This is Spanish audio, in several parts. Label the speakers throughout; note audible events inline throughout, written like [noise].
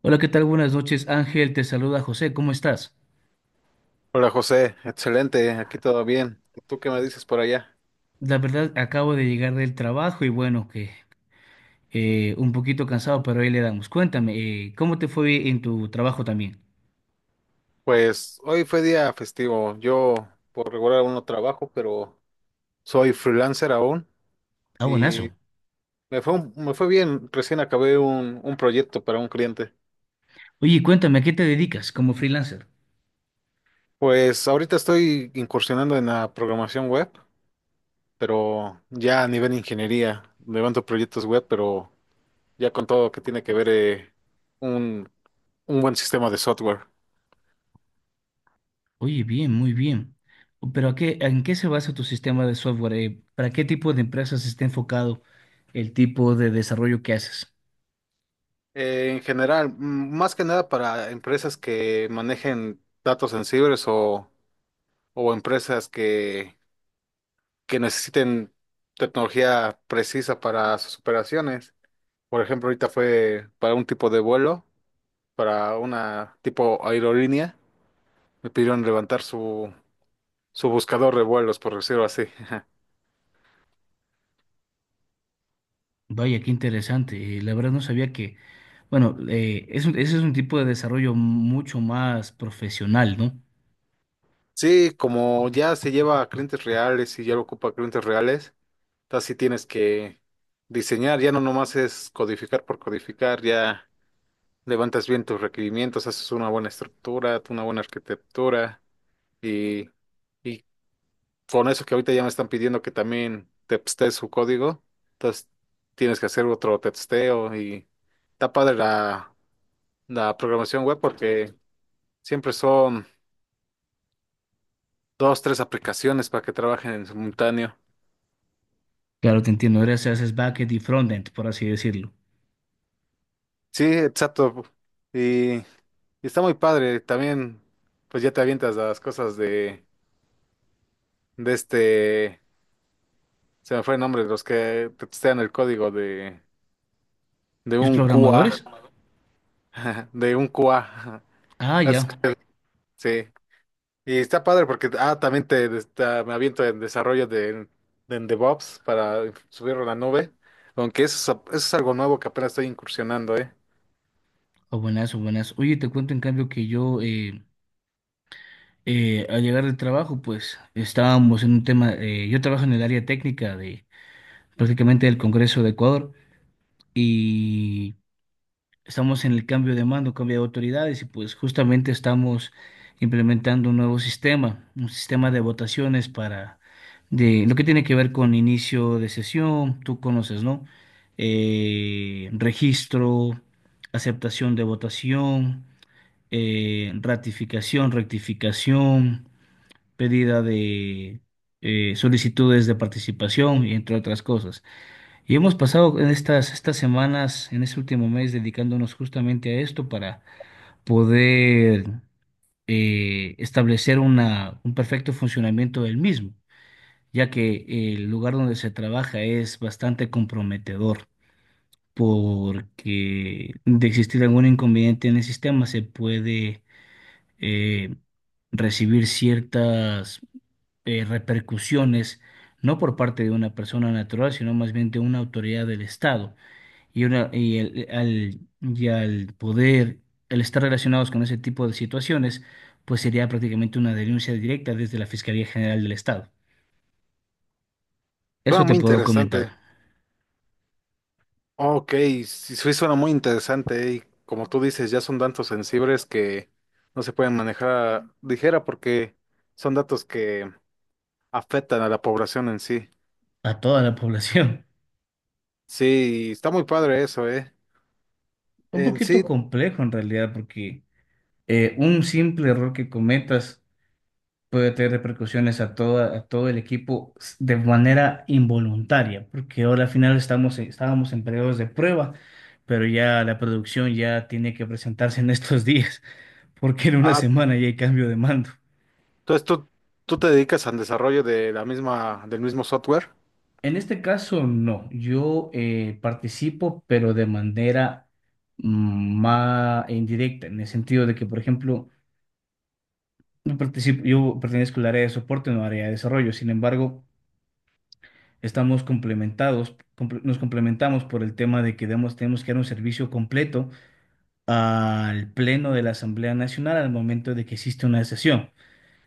Speaker 1: Hola, ¿qué tal? Buenas noches, Ángel. Te saluda José. ¿Cómo estás?
Speaker 2: Hola José, excelente, aquí todo bien. ¿Tú qué me dices por allá?
Speaker 1: La verdad, acabo de llegar del trabajo y bueno, que un poquito cansado, pero ahí le damos. Cuéntame, ¿cómo te fue en tu trabajo también?
Speaker 2: Pues hoy fue día festivo. Yo por regular aún no trabajo, pero soy freelancer aún
Speaker 1: Ah, buenazo.
Speaker 2: y me fue bien. Recién acabé un proyecto para un cliente.
Speaker 1: Oye, cuéntame, ¿a qué te dedicas como freelancer?
Speaker 2: Pues ahorita estoy incursionando en la programación web, pero ya a nivel ingeniería. Levanto proyectos web, pero ya con todo lo que tiene que ver un, un buen sistema de software.
Speaker 1: Oye, bien, muy bien. Pero ¿a qué, en qué se basa tu sistema de software? ¿Para qué tipo de empresas está enfocado el tipo de desarrollo que haces?
Speaker 2: En general, más que nada para empresas que manejen datos sensibles o empresas que necesiten tecnología precisa para sus operaciones. Por ejemplo, ahorita fue para un tipo de vuelo, para una tipo aerolínea, me pidieron levantar su buscador de vuelos, por decirlo así. [laughs]
Speaker 1: Vaya, qué interesante. La verdad no sabía que Bueno, ese es un tipo de desarrollo mucho más profesional, ¿no?
Speaker 2: Sí, como ya se lleva a clientes reales y ya lo ocupa clientes reales. Entonces sí tienes que diseñar, ya no nomás es codificar por codificar, ya levantas bien tus requerimientos, haces una buena estructura, una buena arquitectura y, y con eso que ahorita ya me están pidiendo que también testees su código, entonces tienes que hacer otro testeo y está padre la programación web porque siempre son dos, tres aplicaciones para que trabajen en simultáneo.
Speaker 1: Claro, te entiendo. Ahora se haces backend y frontend, por así decirlo.
Speaker 2: Sí, exacto. Y está muy padre. También, pues ya te avientas a las cosas de este, se me fue el nombre, los que te testean el código de
Speaker 1: ¿Los
Speaker 2: un QA,
Speaker 1: programadores?
Speaker 2: [laughs] de un QA.
Speaker 1: Ah,
Speaker 2: Es [laughs]
Speaker 1: ya.
Speaker 2: que- Sí. Y está padre porque, ah, también me aviento en desarrollo de en DevOps para subirlo a la nube. Aunque eso es algo nuevo que apenas estoy incursionando, ¿eh?
Speaker 1: O buenas, o buenas. Oye, te cuento en cambio que yo, al llegar del trabajo, pues estábamos en un tema. Yo trabajo en el área técnica de prácticamente del Congreso de Ecuador y estamos en el cambio de mando, cambio de autoridades y pues justamente estamos implementando un nuevo sistema, un sistema de votaciones para de lo que tiene que ver con inicio de sesión, tú conoces, ¿no? Registro, aceptación de votación, ratificación, rectificación, pedida de solicitudes de participación y entre otras cosas. Y hemos pasado en estas semanas, en este último mes, dedicándonos justamente a esto para poder establecer un perfecto funcionamiento del mismo, ya que el lugar donde se trabaja es bastante comprometedor, porque de existir algún inconveniente en el sistema se puede eh, recibir ciertas repercusiones, no por parte de una persona natural, sino más bien de una autoridad del Estado y, una, y, el- al, y al poder, al estar relacionados con ese tipo de situaciones, pues sería prácticamente una denuncia directa desde la Fiscalía General del Estado.
Speaker 2: Suena
Speaker 1: Eso te
Speaker 2: muy
Speaker 1: puedo
Speaker 2: interesante.
Speaker 1: comentar
Speaker 2: Oh, ok, sí suena muy interesante y como tú dices, ya son datos sensibles que no se pueden manejar a ligera porque son datos que afectan a la población en sí.
Speaker 1: a toda la población.
Speaker 2: Sí, está muy padre eso, ¿eh?
Speaker 1: [laughs] Un
Speaker 2: En sí,
Speaker 1: poquito complejo en realidad, porque un simple error que cometas puede tener repercusiones a todo el equipo de manera involuntaria, porque ahora al final estábamos en periodos de prueba, pero ya la producción ya tiene que presentarse en [laughs] estos días. Porque en una
Speaker 2: ah,
Speaker 1: semana ya hay cambio de mando.
Speaker 2: entonces tú, tú te dedicas al desarrollo de la misma, del mismo software.
Speaker 1: En este caso, no. Yo participo, pero de manera más indirecta, en el sentido de que, por ejemplo, yo participo, yo pertenezco al área de soporte, no al área de desarrollo. Sin embargo, nos complementamos por el tema de que tenemos que dar un servicio completo al Pleno de la Asamblea Nacional al momento de que existe una sesión.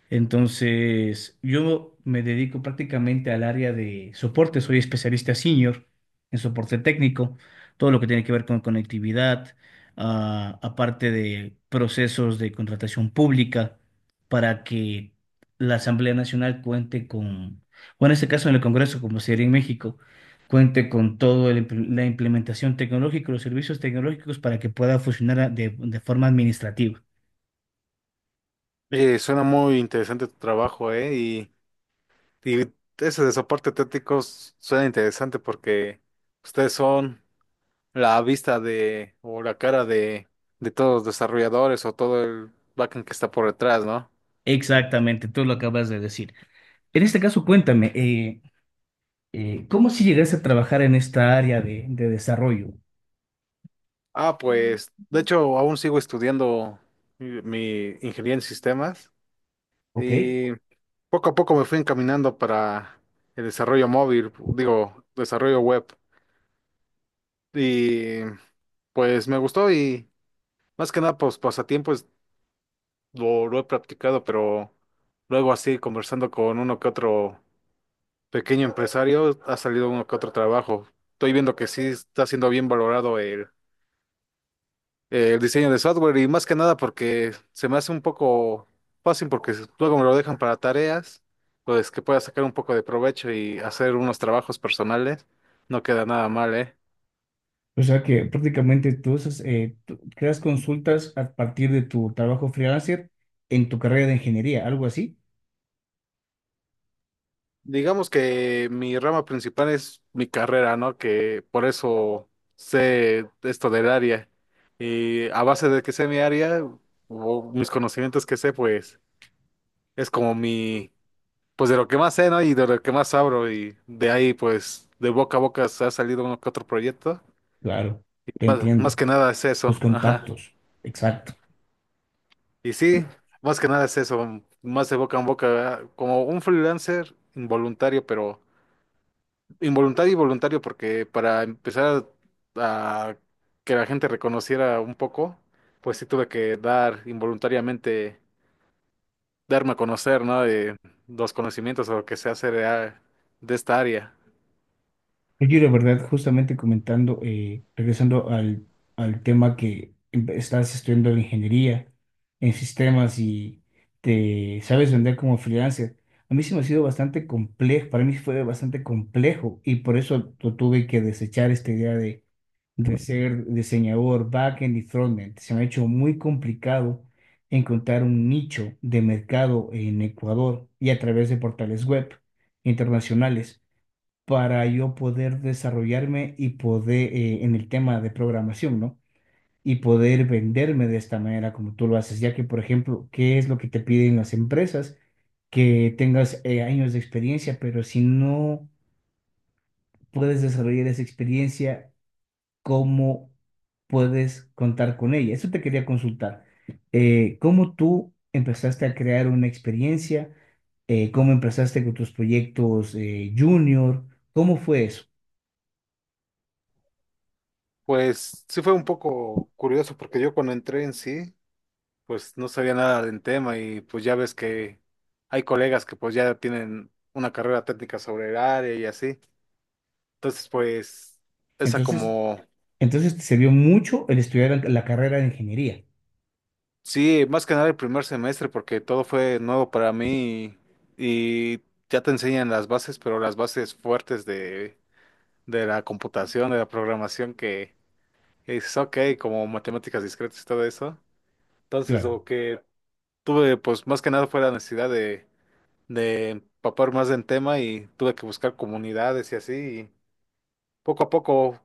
Speaker 1: Entonces, yo me dedico prácticamente al área de soporte, soy especialista senior en soporte técnico, todo lo que tiene que ver con conectividad, ah, aparte de procesos de contratación pública para que la Asamblea Nacional cuente con, o en este caso en el Congreso, como sería en México, cuente con toda la implementación tecnológica, los servicios tecnológicos para que pueda funcionar de forma administrativa.
Speaker 2: Suena muy interesante tu trabajo, ¿eh? Y ese de soporte técnico suena interesante porque ustedes son... la vista de o la cara de todos los desarrolladores o todo el backend que está por detrás, ¿no?
Speaker 1: Exactamente, tú lo acabas de decir. En este caso, cuéntame, ¿cómo si llegaste a trabajar en esta área de desarrollo?
Speaker 2: Ah, mm, pues, de hecho, aún sigo estudiando mi ingeniería en sistemas
Speaker 1: ¿Ok?
Speaker 2: y poco a poco me fui encaminando para el desarrollo web. Y pues me gustó y más que nada, pues pasatiempos lo he practicado, pero luego así conversando con uno que otro pequeño empresario, ha salido uno que otro trabajo. Estoy viendo que sí está siendo bien valorado el diseño de software y más que nada porque se me hace un poco fácil porque luego me lo dejan para tareas, pues que pueda sacar un poco de provecho y hacer unos trabajos personales. No queda nada mal, ¿eh?
Speaker 1: O sea que prácticamente tú, haces, tú creas consultas a partir de tu trabajo freelancer en tu carrera de ingeniería, algo así.
Speaker 2: Digamos que mi rama principal es mi carrera, ¿no? Que por eso sé esto del área. Y a base de que sé mi área o mis conocimientos que sé, pues es como mi, pues de lo que más sé, ¿no? Y de lo que más abro y de ahí, pues, de boca a boca se ha salido uno que otro proyecto.
Speaker 1: Claro, te
Speaker 2: Más
Speaker 1: entiendo.
Speaker 2: que nada es eso,
Speaker 1: Tus
Speaker 2: ajá.
Speaker 1: contactos. Exacto.
Speaker 2: Y sí, más que nada es eso, más de boca a boca, ¿verdad? Como un freelancer involuntario, pero involuntario y voluntario, porque para empezar a que la gente reconociera un poco, pues sí tuve que dar involuntariamente, darme a conocer, ¿no? De los conocimientos o lo que sé hacer de esta área.
Speaker 1: Oye, de verdad, justamente comentando, regresando al tema que estás estudiando en ingeniería en sistemas y te sabes vender como freelancer, a mí se me ha sido bastante complejo, para mí fue bastante complejo y por eso tuve que desechar esta idea de ser diseñador backend y frontend. Se me ha hecho muy complicado encontrar un nicho de mercado en Ecuador y a través de portales web internacionales para yo poder desarrollarme y poder en el tema de programación, ¿no? Y poder venderme de esta manera como tú lo haces, ya que, por ejemplo, ¿qué es lo que te piden las empresas? Que tengas años de experiencia, pero si no puedes desarrollar esa experiencia, ¿cómo puedes contar con ella? Eso te quería consultar. ¿Cómo tú empezaste a crear una experiencia? ¿Cómo empezaste con tus proyectos junior? ¿Cómo fue eso?
Speaker 2: Pues sí fue un poco curioso porque yo cuando entré en sí, pues no sabía nada del tema y pues ya ves que hay colegas que pues ya tienen una carrera técnica sobre el área y así. Entonces pues esa
Speaker 1: Entonces,
Speaker 2: como,
Speaker 1: Entonces te sirvió mucho el estudiar la carrera de ingeniería.
Speaker 2: sí, más que nada el primer semestre porque todo fue nuevo para mí y ya te enseñan las bases, pero las bases fuertes de la computación, de la programación que es ok, como matemáticas discretas y todo eso. Entonces,
Speaker 1: Claro.
Speaker 2: lo que tuve pues más que nada fue la necesidad de empapar más en tema y tuve que buscar comunidades y así, y poco a poco,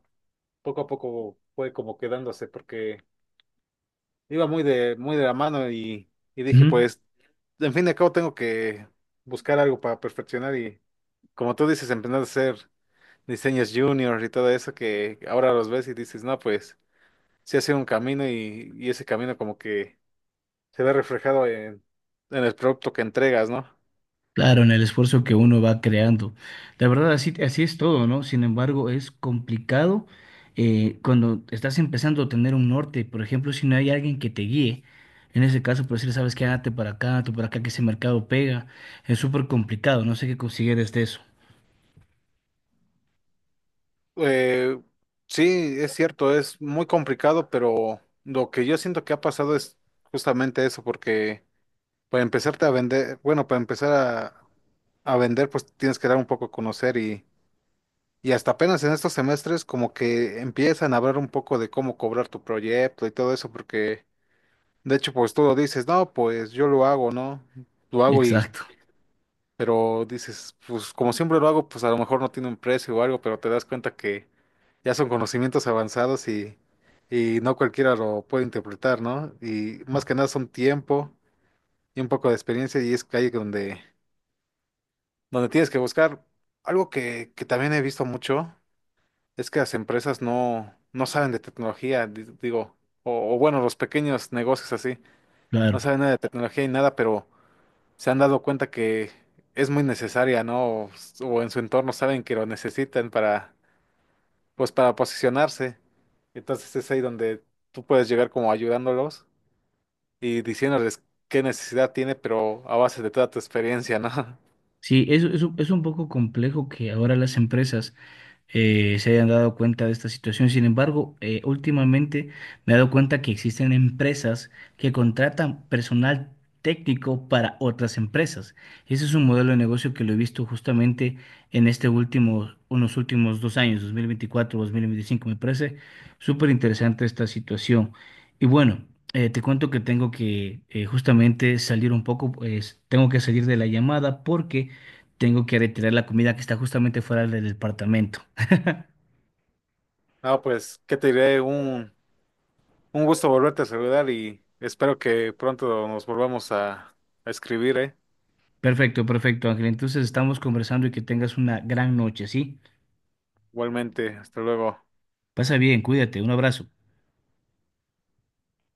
Speaker 2: poco a poco fue como quedándose porque iba muy de la mano y dije
Speaker 1: Ujú.
Speaker 2: pues, en fin de cabo tengo que buscar algo para perfeccionar y como tú dices, empezar a hacer diseños junior y todo eso que ahora los ves y dices, no, pues sí ha sido un camino y ese camino como que se ve reflejado en el producto que entregas, ¿no?
Speaker 1: Claro, en el esfuerzo que uno va creando. La verdad, así es todo, ¿no? Sin embargo, es complicado cuando estás empezando a tener un norte. Por ejemplo, si no hay alguien que te guíe, en ese caso, por decir, sabes que hazte para acá, tú para acá, que ese mercado pega, es súper complicado. No sé qué consideres de eso.
Speaker 2: Eh, sí, es cierto, es muy complicado, pero lo que yo siento que ha pasado es justamente eso, porque para empezarte a vender, bueno, para empezar a vender, pues tienes que dar un poco a conocer y hasta apenas en estos semestres como que empiezan a hablar un poco de cómo cobrar tu proyecto y todo eso, porque de hecho, pues tú lo dices, no, pues yo lo hago, ¿no? Lo hago y
Speaker 1: Exacto,
Speaker 2: pero dices, pues como siempre lo hago, pues a lo mejor no tiene un precio o algo, pero te das cuenta que ya son conocimientos avanzados y no cualquiera lo puede interpretar, ¿no? Y más que nada son tiempo y un poco de experiencia y es que ahí donde tienes que buscar. Algo que también he visto mucho es que las empresas no saben de tecnología, digo, o bueno, los pequeños negocios así, no
Speaker 1: claro.
Speaker 2: saben nada de tecnología y nada, pero se han dado cuenta que es muy necesaria, ¿no? O, s- o en su entorno saben que lo necesitan para, pues para posicionarse. Entonces es ahí donde tú puedes llegar como ayudándolos y diciéndoles qué necesidad tiene, pero a base de toda tu experiencia, ¿no? [laughs]
Speaker 1: Sí, eso es, es un poco complejo que ahora las empresas. Se hayan dado cuenta de esta situación. Sin embargo, últimamente me he dado cuenta que existen empresas que contratan personal técnico para otras empresas. Ese es un modelo de negocio que lo he visto justamente en este último, unos últimos 2 años, 2024, 2025. Me parece súper interesante esta situación. Y bueno, te cuento que tengo que justamente salir un poco, pues tengo que salir de la llamada porque tengo que retirar la comida que está justamente fuera del departamento.
Speaker 2: No, pues, ¿qué te diré? Un gusto volverte a saludar y espero que pronto nos volvamos a escribir, ¿eh?
Speaker 1: Perfecto, perfecto, Ángel. Entonces estamos conversando y que tengas una gran noche, ¿sí?
Speaker 2: Igualmente, hasta luego.
Speaker 1: Pasa bien, cuídate, un abrazo.